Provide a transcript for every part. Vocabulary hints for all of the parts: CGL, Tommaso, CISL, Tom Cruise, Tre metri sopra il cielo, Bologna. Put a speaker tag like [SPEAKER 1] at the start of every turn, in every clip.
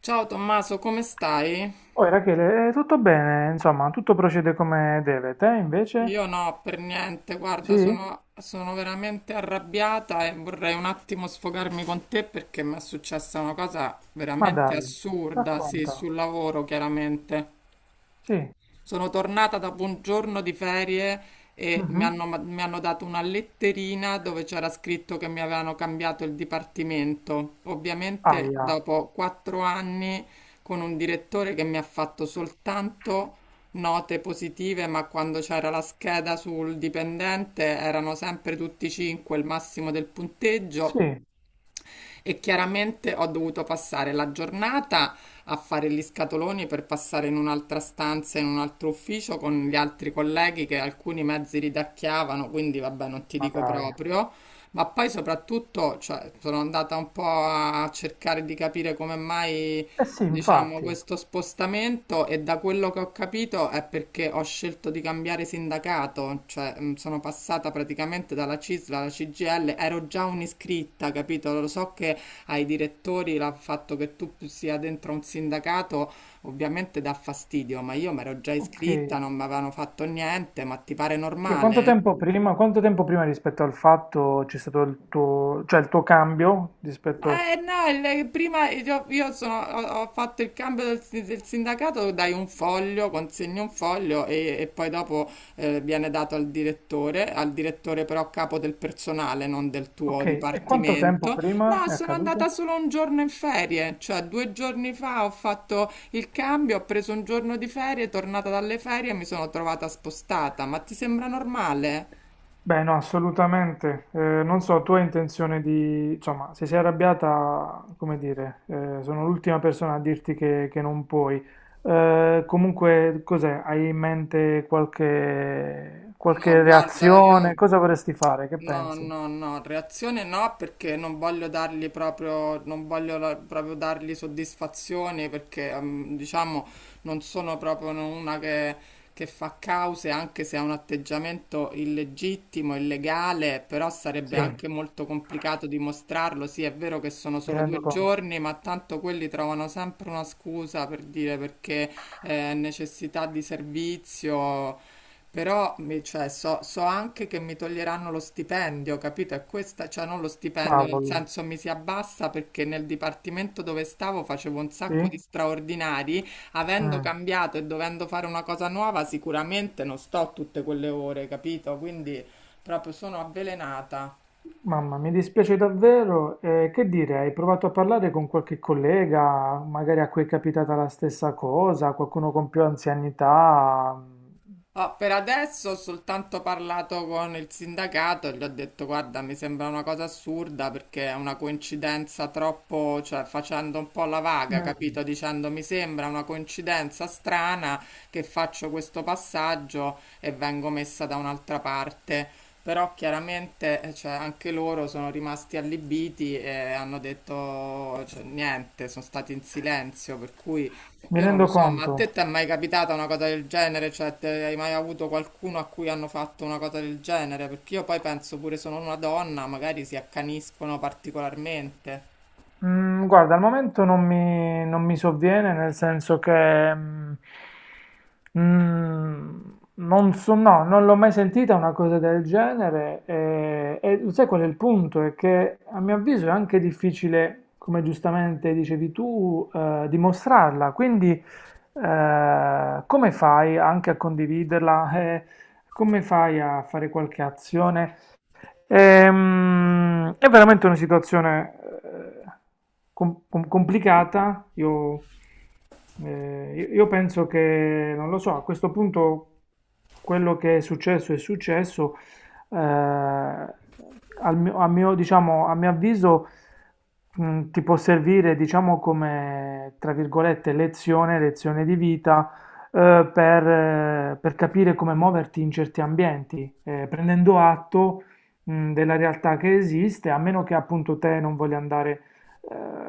[SPEAKER 1] Ciao Tommaso, come stai?
[SPEAKER 2] Oh, Rachele, tutto bene, insomma, tutto procede come deve. Te invece?
[SPEAKER 1] Io no, per niente, guarda,
[SPEAKER 2] Sì?
[SPEAKER 1] sono veramente arrabbiata e vorrei un attimo sfogarmi con te perché mi è successa una cosa
[SPEAKER 2] Ma
[SPEAKER 1] veramente
[SPEAKER 2] dai,
[SPEAKER 1] assurda, sì,
[SPEAKER 2] racconta.
[SPEAKER 1] sul lavoro, chiaramente.
[SPEAKER 2] Sì.
[SPEAKER 1] Sono tornata dopo un giorno di ferie e mi
[SPEAKER 2] Mhm.
[SPEAKER 1] hanno, mi hanno dato una letterina dove c'era scritto che mi avevano cambiato il dipartimento. Ovviamente
[SPEAKER 2] Aia.
[SPEAKER 1] dopo quattro anni con un direttore che mi ha fatto soltanto note positive, ma quando c'era la scheda sul dipendente erano sempre tutti cinque il massimo del
[SPEAKER 2] Sì,
[SPEAKER 1] punteggio e chiaramente ho dovuto passare la giornata a fare gli scatoloni per passare in un'altra stanza, in un altro ufficio con gli altri colleghi che alcuni mezzi ridacchiavano, quindi vabbè, non ti
[SPEAKER 2] ma
[SPEAKER 1] dico
[SPEAKER 2] dai.
[SPEAKER 1] proprio. Ma poi soprattutto, cioè, sono andata un po' a cercare di capire come mai
[SPEAKER 2] Eh sì,
[SPEAKER 1] diciamo,
[SPEAKER 2] infatti.
[SPEAKER 1] questo spostamento, e da quello che ho capito è perché ho scelto di cambiare sindacato, cioè sono passata praticamente dalla CISL alla CGL, ero già un'iscritta, capito? Lo so che ai direttori il fatto che tu sia dentro un sindacato ovviamente dà fastidio, ma io mi ero già
[SPEAKER 2] Ok.
[SPEAKER 1] iscritta, non mi avevano fatto niente, ma ti pare
[SPEAKER 2] Cioè,
[SPEAKER 1] normale?
[SPEAKER 2] quanto tempo prima rispetto al fatto c'è stato il tuo, cioè il tuo cambio rispetto...
[SPEAKER 1] Ma no, prima io ho fatto il cambio del sindacato, dai un foglio, consegni un foglio e poi dopo viene dato al direttore però capo del personale, non del tuo
[SPEAKER 2] Ok, e quanto tempo
[SPEAKER 1] dipartimento.
[SPEAKER 2] prima
[SPEAKER 1] No,
[SPEAKER 2] è
[SPEAKER 1] sono andata
[SPEAKER 2] accaduto?
[SPEAKER 1] solo un giorno in ferie, cioè due giorni fa ho fatto il cambio, ho preso un giorno di ferie, tornata dalle ferie e mi sono trovata spostata. Ma ti sembra normale?
[SPEAKER 2] Beh, no, assolutamente. Non so, tu hai intenzione di... Insomma, se sei arrabbiata, come dire, sono l'ultima persona a dirti che non puoi. Comunque, cos'è? Hai in mente
[SPEAKER 1] No,
[SPEAKER 2] qualche
[SPEAKER 1] guarda,
[SPEAKER 2] reazione?
[SPEAKER 1] io...
[SPEAKER 2] Cosa vorresti fare? Che
[SPEAKER 1] No,
[SPEAKER 2] pensi?
[SPEAKER 1] no, no, reazione no perché non voglio dargli proprio, non voglio proprio dargli soddisfazione perché diciamo non sono proprio no, una che fa cause anche se ha un atteggiamento illegittimo, illegale, però sarebbe
[SPEAKER 2] Sì, mi
[SPEAKER 1] anche molto complicato dimostrarlo. Sì, è vero che sono solo
[SPEAKER 2] rendo
[SPEAKER 1] due
[SPEAKER 2] conto.
[SPEAKER 1] giorni, ma tanto quelli trovano sempre una scusa per dire perché necessità di servizio. Però cioè, so anche che mi toglieranno lo stipendio, capito? E questa, cioè non lo stipendio, nel
[SPEAKER 2] Cavolo.
[SPEAKER 1] senso mi si abbassa perché nel dipartimento dove stavo facevo un sacco di
[SPEAKER 2] Sì?
[SPEAKER 1] straordinari, avendo
[SPEAKER 2] Mm.
[SPEAKER 1] cambiato e dovendo fare una cosa nuova, sicuramente non sto tutte quelle ore, capito? Quindi proprio sono avvelenata.
[SPEAKER 2] Mamma, mi dispiace davvero. Che dire, hai provato a parlare con qualche collega, magari a cui è capitata la stessa cosa, qualcuno con più anzianità?
[SPEAKER 1] Ah, per adesso ho soltanto parlato con il sindacato e gli ho detto: Guarda, mi sembra una cosa assurda perché è una coincidenza troppo, cioè facendo un po' la vaga,
[SPEAKER 2] Mm.
[SPEAKER 1] capito? Dicendo mi sembra una coincidenza strana che faccio questo passaggio e vengo messa da un'altra parte. Però chiaramente, cioè, anche loro sono rimasti allibiti e hanno detto, cioè, niente, sono stati in silenzio, per cui.
[SPEAKER 2] Mi
[SPEAKER 1] Io non lo
[SPEAKER 2] rendo
[SPEAKER 1] so, ma a te
[SPEAKER 2] conto.
[SPEAKER 1] ti è mai capitata una cosa del genere? Cioè, hai mai avuto qualcuno a cui hanno fatto una cosa del genere? Perché io poi penso pure sono una donna, magari si accaniscono particolarmente.
[SPEAKER 2] Mm, guarda, al momento non mi sovviene, nel senso che mm, non so, no, non l'ho mai sentita una cosa del genere. E sai qual è il punto? È che a mio avviso è anche difficile, come giustamente dicevi tu, dimostrarla. Quindi, come fai anche a condividerla? Come fai a fare qualche azione? È veramente una situazione eh, complicata. Io penso che, non lo so, a questo punto quello che è successo è successo. Eh, al mio, a mio- diciamo, a mio avviso, ti può servire, diciamo, come, tra virgolette, lezione di vita per capire come muoverti in certi ambienti, prendendo atto della realtà che esiste, a meno che appunto te non voglia andare,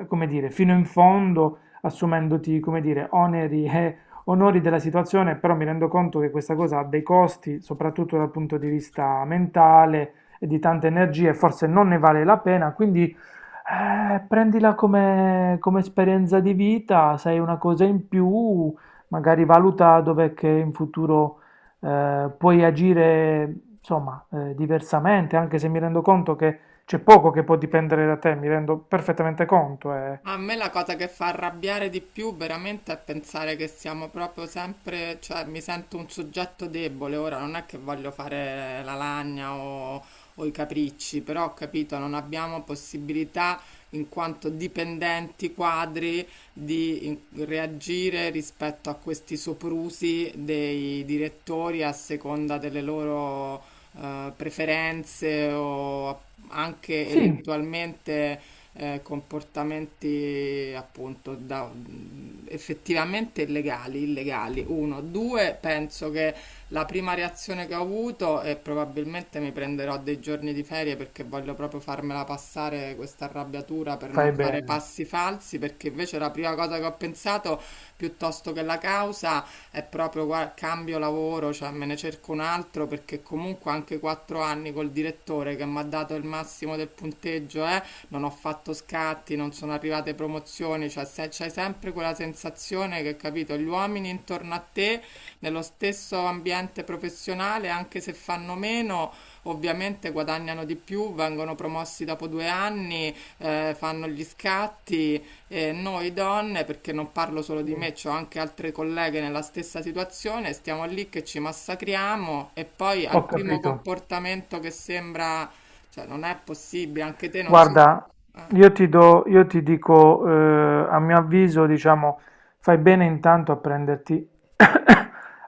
[SPEAKER 2] come dire, fino in fondo, assumendoti, come dire, oneri e onori della situazione, però mi rendo conto che questa cosa ha dei costi, soprattutto dal punto di vista mentale e di tante energie, forse non ne vale la pena, quindi prendila come, come esperienza di vita, sai una cosa in più, magari valuta dov'è che in futuro puoi agire insomma diversamente, anche se mi rendo conto che c'è poco che può dipendere da te, mi rendo perfettamente conto.
[SPEAKER 1] A me la cosa che fa arrabbiare di più veramente è pensare che siamo proprio sempre, cioè mi sento un soggetto debole, ora non è che voglio fare la lagna o i capricci, però ho capito, non abbiamo possibilità in quanto dipendenti quadri di reagire rispetto a questi soprusi dei direttori a seconda delle loro preferenze o anche
[SPEAKER 2] Sì,
[SPEAKER 1] eventualmente comportamenti appunto effettivamente illegali. Uno, due, penso che la prima reazione che ho avuto e probabilmente mi prenderò dei giorni di ferie perché voglio proprio farmela passare questa arrabbiatura per non
[SPEAKER 2] fai
[SPEAKER 1] fare
[SPEAKER 2] bene,
[SPEAKER 1] passi falsi, perché invece la prima cosa che ho pensato piuttosto che la causa è proprio guarda, cambio lavoro, cioè me ne cerco un altro perché comunque anche quattro anni col direttore che mi ha dato il massimo del punteggio, non ho fatto scatti, non sono arrivate promozioni, cioè c'hai sempre quella sensazione che, capito, gli uomini intorno a te, nello stesso ambiente professionale, anche se fanno meno, ovviamente guadagnano di più, vengono promossi dopo due anni, fanno gli scatti e noi donne, perché non parlo solo di
[SPEAKER 2] sì,
[SPEAKER 1] me, ho anche altre colleghe nella stessa situazione, stiamo lì che ci massacriamo e poi al
[SPEAKER 2] ho
[SPEAKER 1] primo
[SPEAKER 2] capito.
[SPEAKER 1] comportamento che sembra, cioè non è possibile, anche te non so.
[SPEAKER 2] Guarda,
[SPEAKER 1] Eh,
[SPEAKER 2] io ti dico, a mio avviso, diciamo, fai bene intanto a prenderti,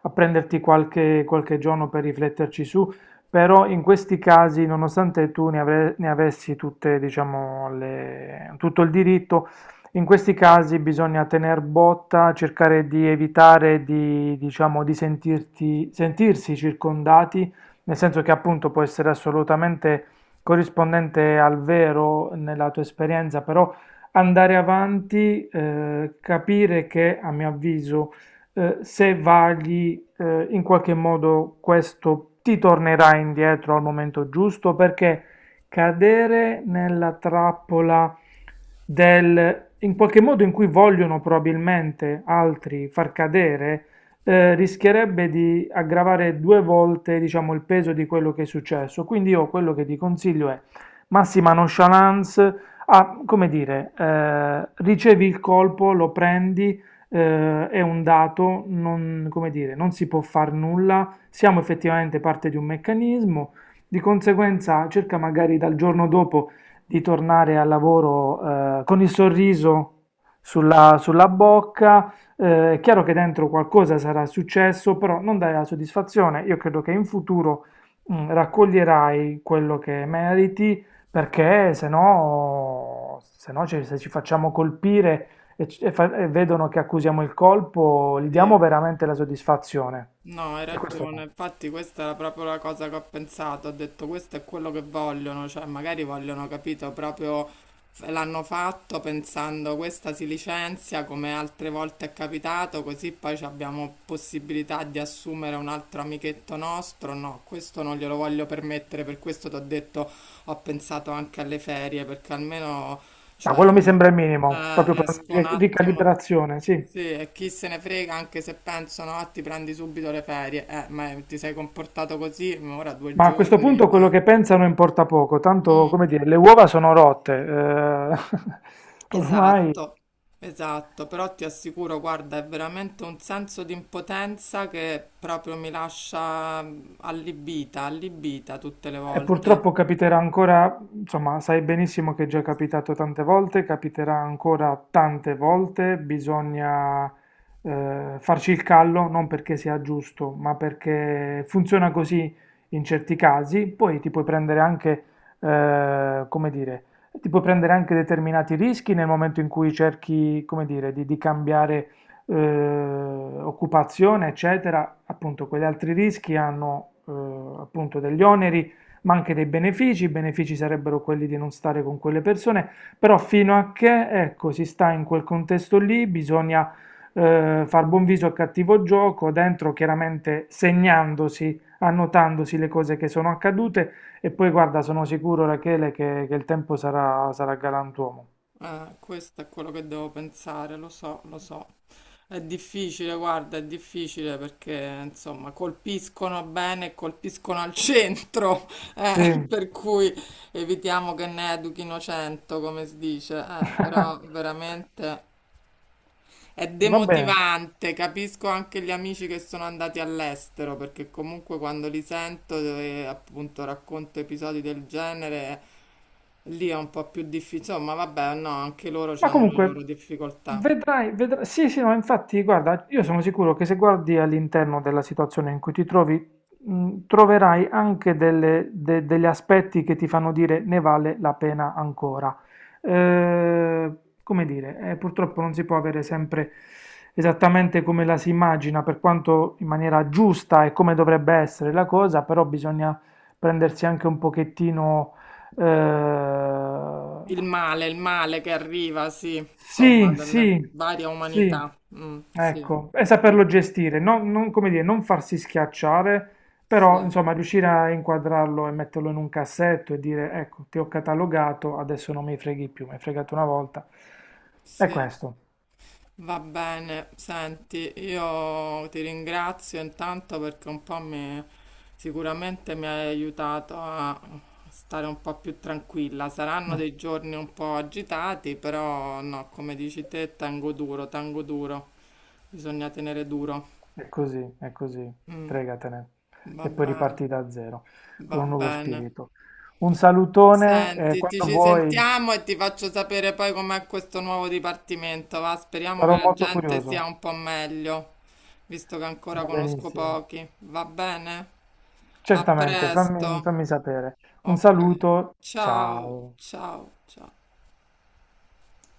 [SPEAKER 2] a prenderti qualche giorno per rifletterci su, però in questi casi, nonostante ne avessi tutte, diciamo, tutto il diritto, in questi casi bisogna tener botta, cercare di evitare di, diciamo, sentirsi circondati, nel senso che appunto può essere assolutamente corrispondente al vero nella tua esperienza, però andare avanti, capire che, a mio avviso, se vagli in qualche modo questo ti tornerà indietro al momento giusto, perché cadere nella trappola in qualche modo in cui vogliono probabilmente altri far cadere, rischierebbe di aggravare due volte, diciamo, il peso di quello che è successo. Quindi io quello che ti consiglio è massima nonchalance, come dire, ricevi il colpo, lo prendi, è un dato, non, come dire, non si può far nulla, siamo effettivamente parte di un meccanismo, di conseguenza cerca magari dal giorno dopo di tornare al lavoro con il sorriso sulla bocca, è chiaro che dentro qualcosa sarà successo, però non dai la soddisfazione. Io credo che in futuro raccoglierai quello che meriti, perché se no se ci facciamo colpire e vedono che accusiamo il colpo, gli
[SPEAKER 1] sì.
[SPEAKER 2] diamo veramente la soddisfazione.
[SPEAKER 1] No, hai
[SPEAKER 2] E questo
[SPEAKER 1] ragione.
[SPEAKER 2] no.
[SPEAKER 1] Infatti questa era proprio la cosa che ho pensato. Ho detto questo è quello che vogliono, cioè magari vogliono, capito, proprio l'hanno fatto pensando questa si licenzia come altre volte è capitato, così poi ci abbiamo possibilità di assumere un altro amichetto nostro. No, questo non glielo voglio permettere, per questo ti ho detto ho pensato anche alle ferie, perché almeno
[SPEAKER 2] Ma
[SPEAKER 1] cioè,
[SPEAKER 2] quello mi sembra il minimo, proprio per una
[SPEAKER 1] esco un attimo.
[SPEAKER 2] ricalibrazione, sì.
[SPEAKER 1] Sì, e chi se ne frega, anche se pensano, ah, ti prendi subito le ferie. Ma ti sei comportato così, ma ora due
[SPEAKER 2] Ma a questo
[SPEAKER 1] giorni. Eh.
[SPEAKER 2] punto quello che pensano importa poco, tanto
[SPEAKER 1] Mm,
[SPEAKER 2] come dire, le uova sono rotte, ormai.
[SPEAKER 1] esatto, esatto. Però ti assicuro, guarda, è veramente un senso di impotenza che proprio mi lascia allibita, allibita tutte le
[SPEAKER 2] E
[SPEAKER 1] volte.
[SPEAKER 2] purtroppo capiterà ancora, insomma, sai benissimo che è già capitato tante volte, capiterà ancora tante volte, bisogna farci il callo, non perché sia giusto, ma perché funziona così in certi casi, poi ti puoi prendere anche, come dire, ti puoi prendere anche determinati rischi nel momento in cui cerchi, come dire, di cambiare eh, occupazione, eccetera, appunto, quegli altri rischi hanno appunto degli oneri ma anche dei benefici. I benefici sarebbero quelli di non stare con quelle persone, però fino a che, ecco, si sta in quel contesto lì, bisogna far buon viso al cattivo gioco, dentro chiaramente segnandosi, annotandosi le cose che sono accadute e poi guarda, sono sicuro Rachele che il tempo sarà galantuomo.
[SPEAKER 1] Questo è quello che devo pensare, lo so, lo so. È difficile, guarda, è difficile perché insomma colpiscono bene e colpiscono al centro, eh,
[SPEAKER 2] Sì,
[SPEAKER 1] per cui evitiamo che ne educhino 100, come si dice, però veramente è
[SPEAKER 2] va bene.
[SPEAKER 1] demotivante. Capisco anche gli amici che sono andati all'estero perché comunque quando li sento, appunto, racconto episodi del genere. Lì è un po' più difficile, ma vabbè, no, anche loro
[SPEAKER 2] Ma
[SPEAKER 1] hanno le
[SPEAKER 2] comunque,
[SPEAKER 1] loro difficoltà.
[SPEAKER 2] vedrai, vedrai. Sì, sì, no, infatti, guarda, io sono sicuro che se guardi all'interno della situazione in cui ti trovi, troverai anche degli aspetti che ti fanno dire ne vale la pena ancora. Eh, come dire, purtroppo non si può avere sempre esattamente come la si immagina, per quanto in maniera giusta e come dovrebbe essere la cosa, però bisogna prendersi anche un pochettino eh,
[SPEAKER 1] Il male che arriva, sì, insomma,
[SPEAKER 2] sì,
[SPEAKER 1] dalle
[SPEAKER 2] sì,
[SPEAKER 1] varie
[SPEAKER 2] sì,
[SPEAKER 1] umanità. Mm, sì,
[SPEAKER 2] ecco, e
[SPEAKER 1] sì,
[SPEAKER 2] saperlo gestire, non, come dire, non farsi schiacciare,
[SPEAKER 1] sì,
[SPEAKER 2] però insomma riuscire a inquadrarlo e metterlo in un cassetto e dire ecco, ti ho catalogato, adesso non mi freghi più, mi hai fregato una volta. È
[SPEAKER 1] sì.
[SPEAKER 2] questo,
[SPEAKER 1] Va bene, senti, io ti ringrazio intanto perché un po' mi, sicuramente mi hai aiutato a stare un po' più tranquilla. Saranno
[SPEAKER 2] mm,
[SPEAKER 1] dei giorni un po' agitati, però no, come dici te, tengo duro, tengo duro. Bisogna tenere duro.
[SPEAKER 2] è così,
[SPEAKER 1] Mm,
[SPEAKER 2] fregatene.
[SPEAKER 1] va
[SPEAKER 2] E poi
[SPEAKER 1] bene,
[SPEAKER 2] riparti da zero, con
[SPEAKER 1] va
[SPEAKER 2] un nuovo
[SPEAKER 1] bene.
[SPEAKER 2] spirito. Un salutone e
[SPEAKER 1] Senti, ti
[SPEAKER 2] quando
[SPEAKER 1] ci
[SPEAKER 2] vuoi,
[SPEAKER 1] sentiamo e ti faccio sapere poi com'è questo nuovo dipartimento, va? Speriamo che
[SPEAKER 2] sarò
[SPEAKER 1] la
[SPEAKER 2] molto
[SPEAKER 1] gente
[SPEAKER 2] curioso.
[SPEAKER 1] sia un po' meglio, visto che ancora
[SPEAKER 2] Va
[SPEAKER 1] conosco
[SPEAKER 2] benissimo.
[SPEAKER 1] pochi. Va bene? A
[SPEAKER 2] Certamente,
[SPEAKER 1] presto.
[SPEAKER 2] fammi sapere. Un
[SPEAKER 1] Ok.
[SPEAKER 2] saluto,
[SPEAKER 1] Ciao,
[SPEAKER 2] ciao.
[SPEAKER 1] ciao, ciao.